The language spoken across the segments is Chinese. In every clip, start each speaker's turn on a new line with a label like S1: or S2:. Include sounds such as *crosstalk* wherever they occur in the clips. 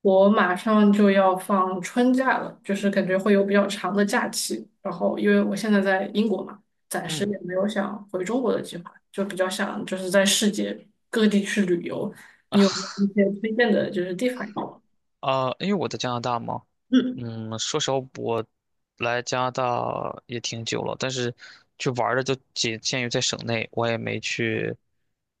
S1: 我马上就要放春假了，就是感觉会有比较长的假期。然后，因为我现在在英国嘛，暂时
S2: 嗯，
S1: 也没有想回中国的计划，就比较想就是在世界各地去旅游。你有没有一些推荐的就是地方吗？
S2: 啊、因为我在加拿大嘛，说实话，我来加拿大也挺久了，但是去玩儿的就仅限于在省内，我也没去。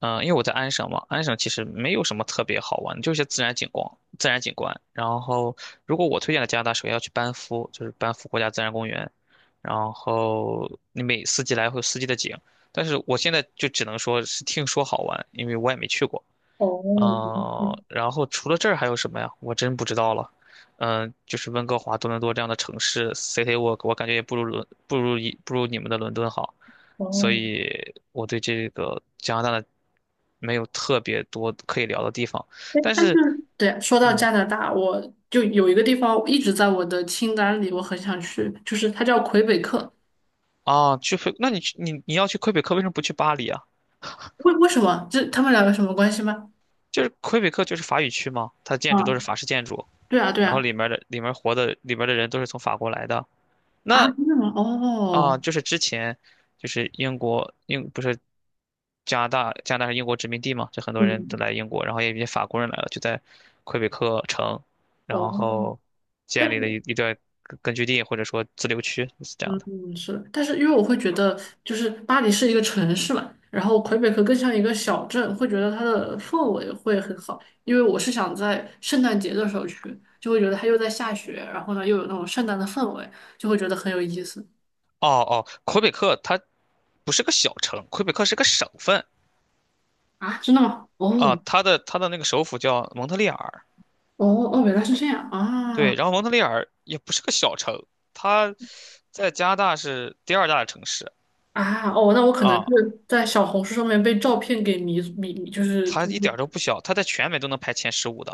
S2: 因为我在安省嘛，安省其实没有什么特别好玩的，就是一些自然景观。然后，如果我推荐的加拿大，首先要去班夫，就是班夫国家自然公园。然后你每四季来会有四季的景，但是我现在就只能说是听说好玩，因为我也没去过。
S1: 嗯。
S2: 然后除了这儿还有什么呀？我真不知道了。嗯，就是温哥华、多伦多这样的城市，City Walk，我感觉也不如你们的伦敦好。
S1: 哦。
S2: 所
S1: 嗯。哦。
S2: 以我对这个加拿大的没有特别多可以聊的地方。
S1: 哎，
S2: 但
S1: 但是
S2: 是，
S1: *laughs* 对啊，说到
S2: 嗯，
S1: 加拿大，我就有一个地方一直在我的清单里，我很想去，就是它叫魁北克。
S2: 啊，那你要去魁北克，为什么不去巴黎啊？
S1: 为什么？这他们两个什么关系吗？
S2: 就是魁北克就是法语区嘛，它的建筑都是
S1: 啊，
S2: 法式建筑，
S1: 对啊，对
S2: 然后
S1: 啊。
S2: 里面的里面活的里面的人都是从法国来的。
S1: 啊，
S2: 那
S1: 真的吗？
S2: 啊，
S1: 哦。
S2: 就是之前，就是英国英不是加拿大是英国殖民地嘛，就很多人
S1: 嗯。
S2: 都来英国，然后也有一些法国人来了，就在魁北克城，
S1: 哦。
S2: 然后
S1: 但
S2: 建立了一
S1: 是，
S2: 一段根据地或者说自留区是这样的。
S1: 嗯，是的，但是因为我会觉得，就是巴黎是一个城市嘛，然后魁北克更像一个小镇，会觉得它的氛围会很好。因为我是想在圣诞节的时候去，就会觉得它又在下雪，然后呢又有那种圣诞的氛围，就会觉得很有意思。
S2: 哦哦，魁北克它不是个小城，魁北克是个省份
S1: 啊，真的吗？哦，
S2: 啊，它的那个首府叫蒙特利尔，
S1: 哦。哦。原来是这样
S2: 对，
S1: 啊。
S2: 然后蒙特利尔也不是个小城，它在加拿大是第二大的城市。
S1: 啊。哦，那我可能是
S2: 啊
S1: 在小红书上面被照片给迷，就是就
S2: 它
S1: 是，
S2: 一点儿都不小，它在全美都能排前15的，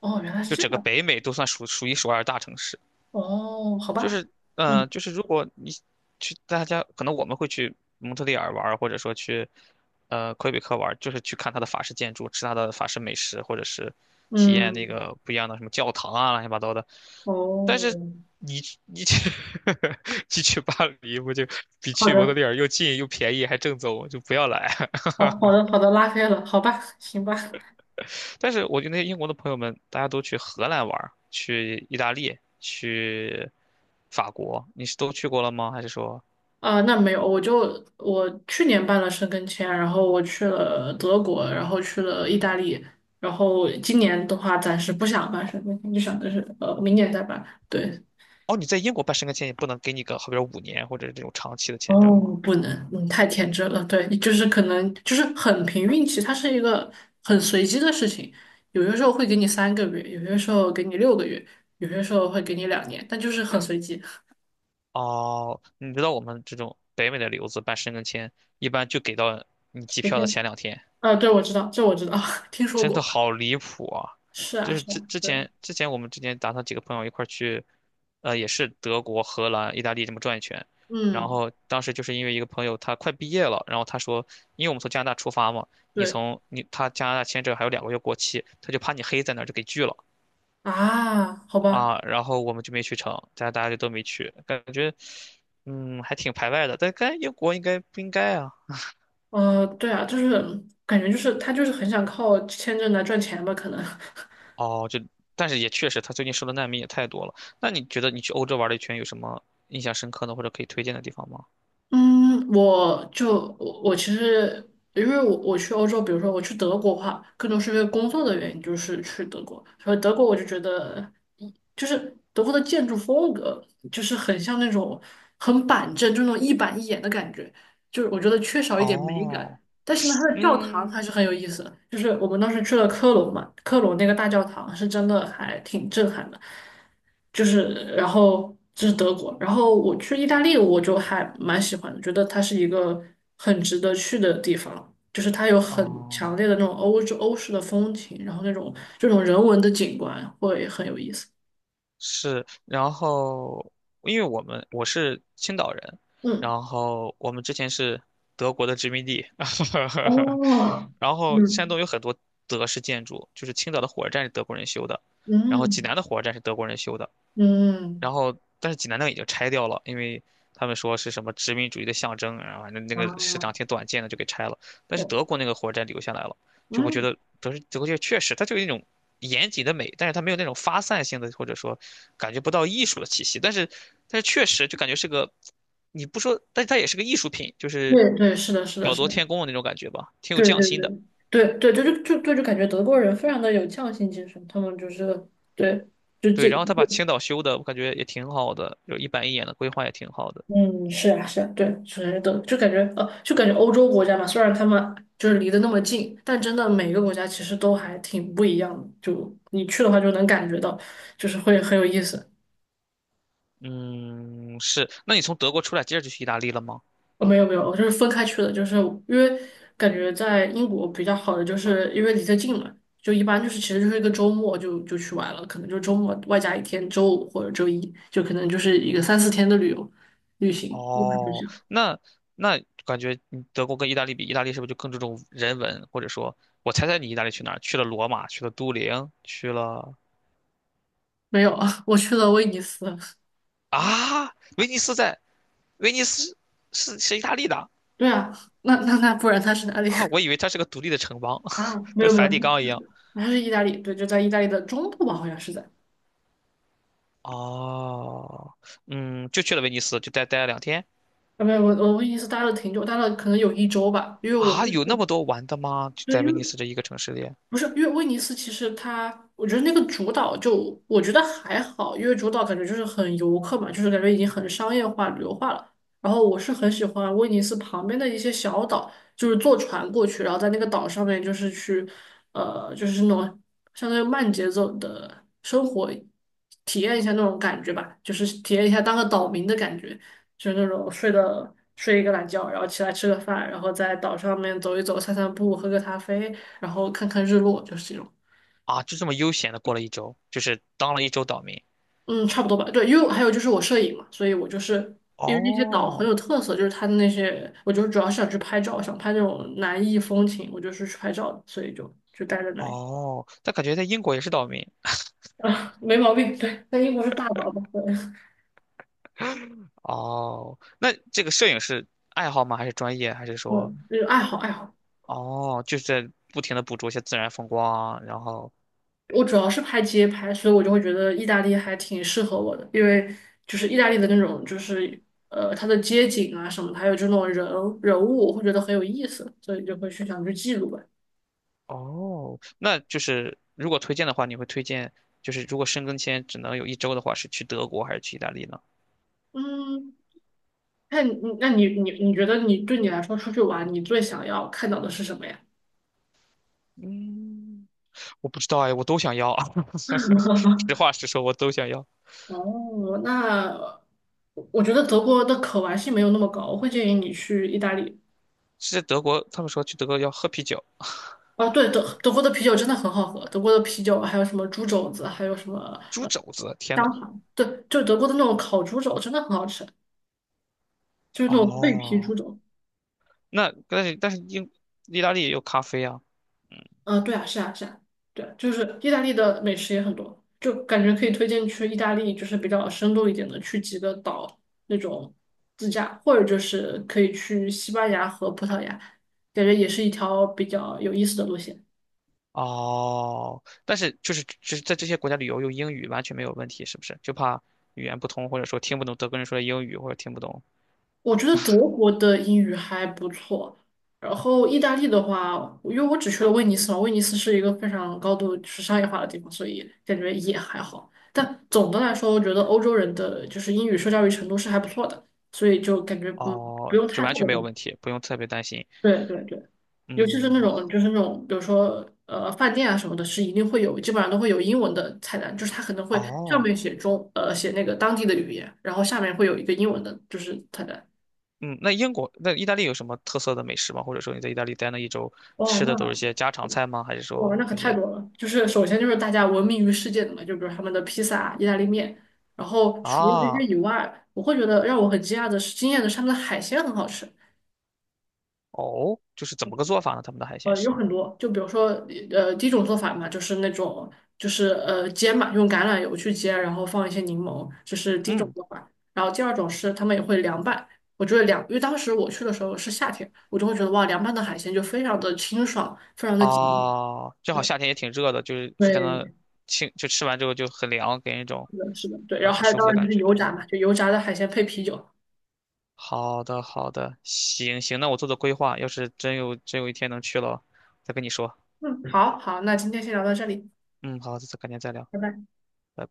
S1: 哦，原来是
S2: 就
S1: 这
S2: 整个
S1: 样。
S2: 北美都算数一数二的大城市。
S1: 哦，好
S2: 就
S1: 吧。
S2: 是，
S1: 嗯
S2: 就是如果你去大家，可能我们会去蒙特利尔玩儿或者说去魁北克玩儿就是去看它的法式建筑，吃它的法式美食，或者是体验那
S1: 嗯。
S2: 个不一样的什么教堂啊，乱七八糟的。但是
S1: 哦，
S2: 你去 *laughs* 你去巴黎，不就比
S1: 好
S2: 去蒙特
S1: 的。
S2: 利尔又近又便宜还正宗，就不要来。
S1: 好好的好的，拉黑了，好吧，行吧。
S2: 但是我觉得那些英国的朋友们，大家都去荷兰玩儿去意大利，去法国，你是都去过了吗？还是说，
S1: 啊，那没有，我去年办了申根签，然后我去了德国，然后去了意大利，然后今年的话暂时不想办申根签，就想的是明年再办，对。
S2: 哦，你在英国办申根签也不能给你个，好比说5年或者这种长期的签证
S1: 哦，
S2: 吗？
S1: 不能，嗯，太天真了。对，就是可能就是很凭运气，它是一个很随机的事情。有些时候会给你3个月，有些时候给你6个月，有些时候会给你2年，但就是很随机。
S2: 哦，你知道我们这种北美的留子办申根签，一般就给到你机
S1: OK。
S2: 票的前两天。
S1: 啊，对，我知道，这我知道，*laughs* 听说
S2: 真的
S1: 过。
S2: 好离谱啊！
S1: 是啊，
S2: 就是
S1: 是啊，
S2: 之之
S1: 对。
S2: 前之前我们之前打算几个朋友一块儿去，也是德国、荷兰、意大利这么转一圈。然
S1: 嗯，
S2: 后当时就是因为一个朋友他快毕业了，然后他说，因为我们从加拿大出发嘛，你
S1: 对
S2: 从你他加拿大签证还有2个月过期，他就怕你黑在那儿就给拒了
S1: 啊，好吧，
S2: 啊。然后我们就没去成，大家就都没去，感觉还挺排外的。但跟英国应该不应该啊？
S1: 对啊，就是感觉就是他就是很想靠签证来赚钱吧，可能。*laughs*
S2: 哦，但是也确实，他最近收的难民也太多了。那你觉得你去欧洲玩了一圈，有什么印象深刻的或者可以推荐的地方吗？
S1: 嗯，我就我我其实因为我去欧洲，比如说我去德国的话，更多是因为工作的原因，就是去德国。所以德国我就觉得，就是德国的建筑风格，就是很像那种很板正，就那种一板一眼的感觉，就是我觉得缺少一点美感。
S2: 哦，
S1: 但是呢，它的教堂还
S2: 嗯，
S1: 是很有意思的。就是我们当时去了科隆嘛，科隆那个大教堂是真的还挺震撼的。就是然后这是德国，然后我去意大利，我就还蛮喜欢的，觉得它是一个很值得去的地方。就是它有很强
S2: 哦，
S1: 烈的那种欧式的风情，然后那种这种人文的景观会很有意思。
S2: 是。然后，因为我是青岛人，
S1: 嗯。
S2: 然后我们之前是德国的殖民地，*laughs*
S1: 哦。
S2: 然后山
S1: 嗯。
S2: 东有很多德式建筑，就是青岛的火车站是德国人修的，然后济
S1: 嗯
S2: 南的火车站是德国人修的。
S1: 嗯。
S2: 然后但是济南那个已经拆掉了，因为他们说是什么殖民主义的象征，然后反正那个市长
S1: 啊。
S2: 挺短见的，就给拆了。但是
S1: 哦。
S2: 德国那个火车站留下来了，就我觉
S1: 嗯。
S2: 得德国就确实它就有一种严谨的美，但是它没有那种发散性的，或者说感觉不到艺术的气息。但是确实就感觉是个，你不说，但是它也是个艺术品，就是
S1: 对，对，是的，是的，
S2: 巧
S1: 是
S2: 夺
S1: 的。
S2: 天工的那种感觉吧，挺有
S1: 对
S2: 匠
S1: 对
S2: 心的。
S1: 对对对，就感觉德国人非常的有匠心精神，他们就是对，就
S2: 对，然后他把青岛修的，我感觉也挺好的，就一板一眼的规划也挺好的。
S1: 嗯，是啊是啊，对。首先就感觉就感觉欧洲国家嘛，虽然他们就是离得那么近，但真的每个国家其实都还挺不一样的，就你去的话就能感觉到，就是会很有意思。
S2: 嗯，是。那你从德国出来，接着就去意大利了吗？
S1: 哦，没有没有，我就是分开去的，就是因为感觉在英国比较好的，就是因为离得近嘛，就一般就是其实就是一个周末就去玩了，可能就周末外加一天周五或者周一，就可能就是一个三四天的旅行，一般就
S2: 哦，
S1: 是
S2: 那感觉你德国跟意大利比，意大利是不是就更注重人文？或者说，我猜猜你意大利去哪儿？去了罗马，去了都灵，去了
S1: 没有啊，*laughs* 我去了威尼斯。
S2: 啊，威尼斯在威尼斯是意大利的
S1: 对啊，那不然他是哪里
S2: 啊，我以
S1: *laughs*
S2: 为它是个独立的城邦，
S1: 啊？
S2: *laughs*
S1: 没
S2: 跟
S1: 有没有，
S2: 梵蒂冈一样。
S1: 他是意大利，对，就在意大利的中部吧，好像是在。
S2: 哦，嗯，就去了威尼斯，就待了两天
S1: 啊，没有，我威尼斯待了挺久，待了可能有1周吧，因为我
S2: 啊，
S1: 是
S2: 有
S1: 去，
S2: 那么多玩的吗？就
S1: 对，
S2: 在
S1: 因
S2: 威尼
S1: 为
S2: 斯这一个城市里。
S1: 不是，因为威尼斯其实它，我觉得那个主岛就我觉得还好，因为主岛感觉就是很游客嘛，就是感觉已经很商业化、旅游化了。然后我是很喜欢威尼斯旁边的一些小岛，就是坐船过去，然后在那个岛上面就是去，就是那种相当于慢节奏的生活，体验一下那种感觉吧，就是体验一下当个岛民的感觉。就是那种睡一个懒觉，然后起来吃个饭，然后在岛上面走一走、散散步、喝个咖啡，然后看看日落，就是这种。
S2: 啊，就这么悠闲的过了一周，就是当了一周岛民。
S1: 嗯，差不多吧。对，因为还有就是我摄影嘛，所以我就是因为那些岛很有
S2: 哦
S1: 特色，就是它的那些，我就是主要是想去拍照，想拍那种南艺风情，我就是去拍照的，所以就待在那里。
S2: 哦，但感觉在英国也是岛民。
S1: 啊，没毛病。对，在英国是大岛吧？对，
S2: 哦，那这个摄影是爱好吗？还是专业？还是
S1: *laughs*
S2: 说，
S1: 嗯，就是爱好爱好。
S2: 哦，就是在不停的捕捉一些自然风光啊，然后，
S1: 我主要是拍街拍，所以我就会觉得意大利还挺适合我的，因为就是意大利的那种，就是它的街景啊什么的，还有就那种人物，我会觉得很有意思，所以就会去想去记录吧。
S2: 哦，那就是如果推荐的话，你会推荐，就是如果申根签只能有一周的话，是去德国还是去意大利呢？
S1: 嗯，那你那你觉得你对你来说出去玩，你最想要看到的是什么呀？
S2: 嗯，我不知道哎，我都想要。*laughs* 实
S1: *laughs*
S2: 话实说，我都想要。
S1: 哦，那我觉得德国的可玩性没有那么高，我会建议你去意大利。
S2: 是在德国，他们说去德国要喝啤酒，
S1: 啊，对，德国的啤酒真的很好喝，德国的啤酒还有什么猪肘子，还有什么
S2: 猪肘子，天呐，
S1: 对，就德国的那种烤猪肘真的很好吃，就是那种脆皮猪
S2: 哦
S1: 肘。
S2: 那但是意大利也有咖啡啊，嗯，
S1: 嗯，对啊，是啊，是啊，对，就是意大利的美食也很多，就感觉可以推荐去意大利，就是比较深度一点的，去几个岛那种自驾，或者就是可以去西班牙和葡萄牙，感觉也是一条比较有意思的路线。
S2: 哦，但是就是在这些国家旅游用英语完全没有问题，是不是？就怕语言不通，或者说听不懂德国人说的英语，或者听不懂
S1: 我觉得德国的英语还不错，然后意大利的话，因为我只去了威尼斯嘛，威尼斯是一个非常高度就是商业化的地方，所以感觉也还好。但总的来说，我觉得欧洲人的就是英语受教育程度是还不错的，所以就感觉不
S2: 哦，
S1: 用
S2: 就
S1: 太
S2: 完
S1: 特
S2: 全
S1: 别
S2: 没
S1: 担
S2: 有
S1: 心。
S2: 问题，不用特别担心。
S1: 对对对，尤其是
S2: 嗯
S1: 那种就是那种比如说饭店啊什么的，是一定会有，基本上都会有英文的菜单，就是它可能会上
S2: 哦，
S1: 面写写那个当地的语言，然后下面会有一个英文的就是菜单。
S2: 嗯，那英国那意大利有什么特色的美食吗？或者说你在意大利待了一周
S1: 哇，
S2: 吃的都是
S1: 那
S2: 些家常菜吗？还是
S1: 哇，
S2: 说
S1: 那可
S2: 有
S1: 太
S2: 些
S1: 多了。就是首先就是大家闻名于世界的嘛，就比如他们的披萨啊、意大利面。然后除了这些
S2: 啊
S1: 以外，我会觉得让我很惊讶的是，惊艳的是他们的海鲜很好吃。
S2: 哦，就是怎么个做法呢？他们的海鲜
S1: 有
S2: 是？
S1: 很多，就比如说第一种做法嘛，就是那种就是煎嘛，用橄榄油去煎，然后放一些柠檬，这是第一种
S2: 嗯。
S1: 做法。然后第二种是他们也会凉拌。我觉得凉，因为当时我去的时候是夏天，我就会觉得哇，凉拌的海鲜就非常的清爽，非常的解腻。
S2: 啊，正好
S1: 对
S2: 夏天也挺热的，就是非常
S1: 对，
S2: 的清，就吃完之后就很凉，给人一种
S1: 是的，是的，对。然后
S2: 很
S1: 还有
S2: 舒服
S1: 当
S2: 的
S1: 然就
S2: 感
S1: 是
S2: 觉
S1: 油炸嘛，
S2: 啊。
S1: 就油炸的海鲜配啤酒。
S2: 好的，好的，行行，那我做做规划，要是真有一天能去了，再跟你说。
S1: 嗯，好好，那今天先聊到这里，
S2: 嗯，好，再改天再聊。
S1: 拜拜。
S2: 拜拜。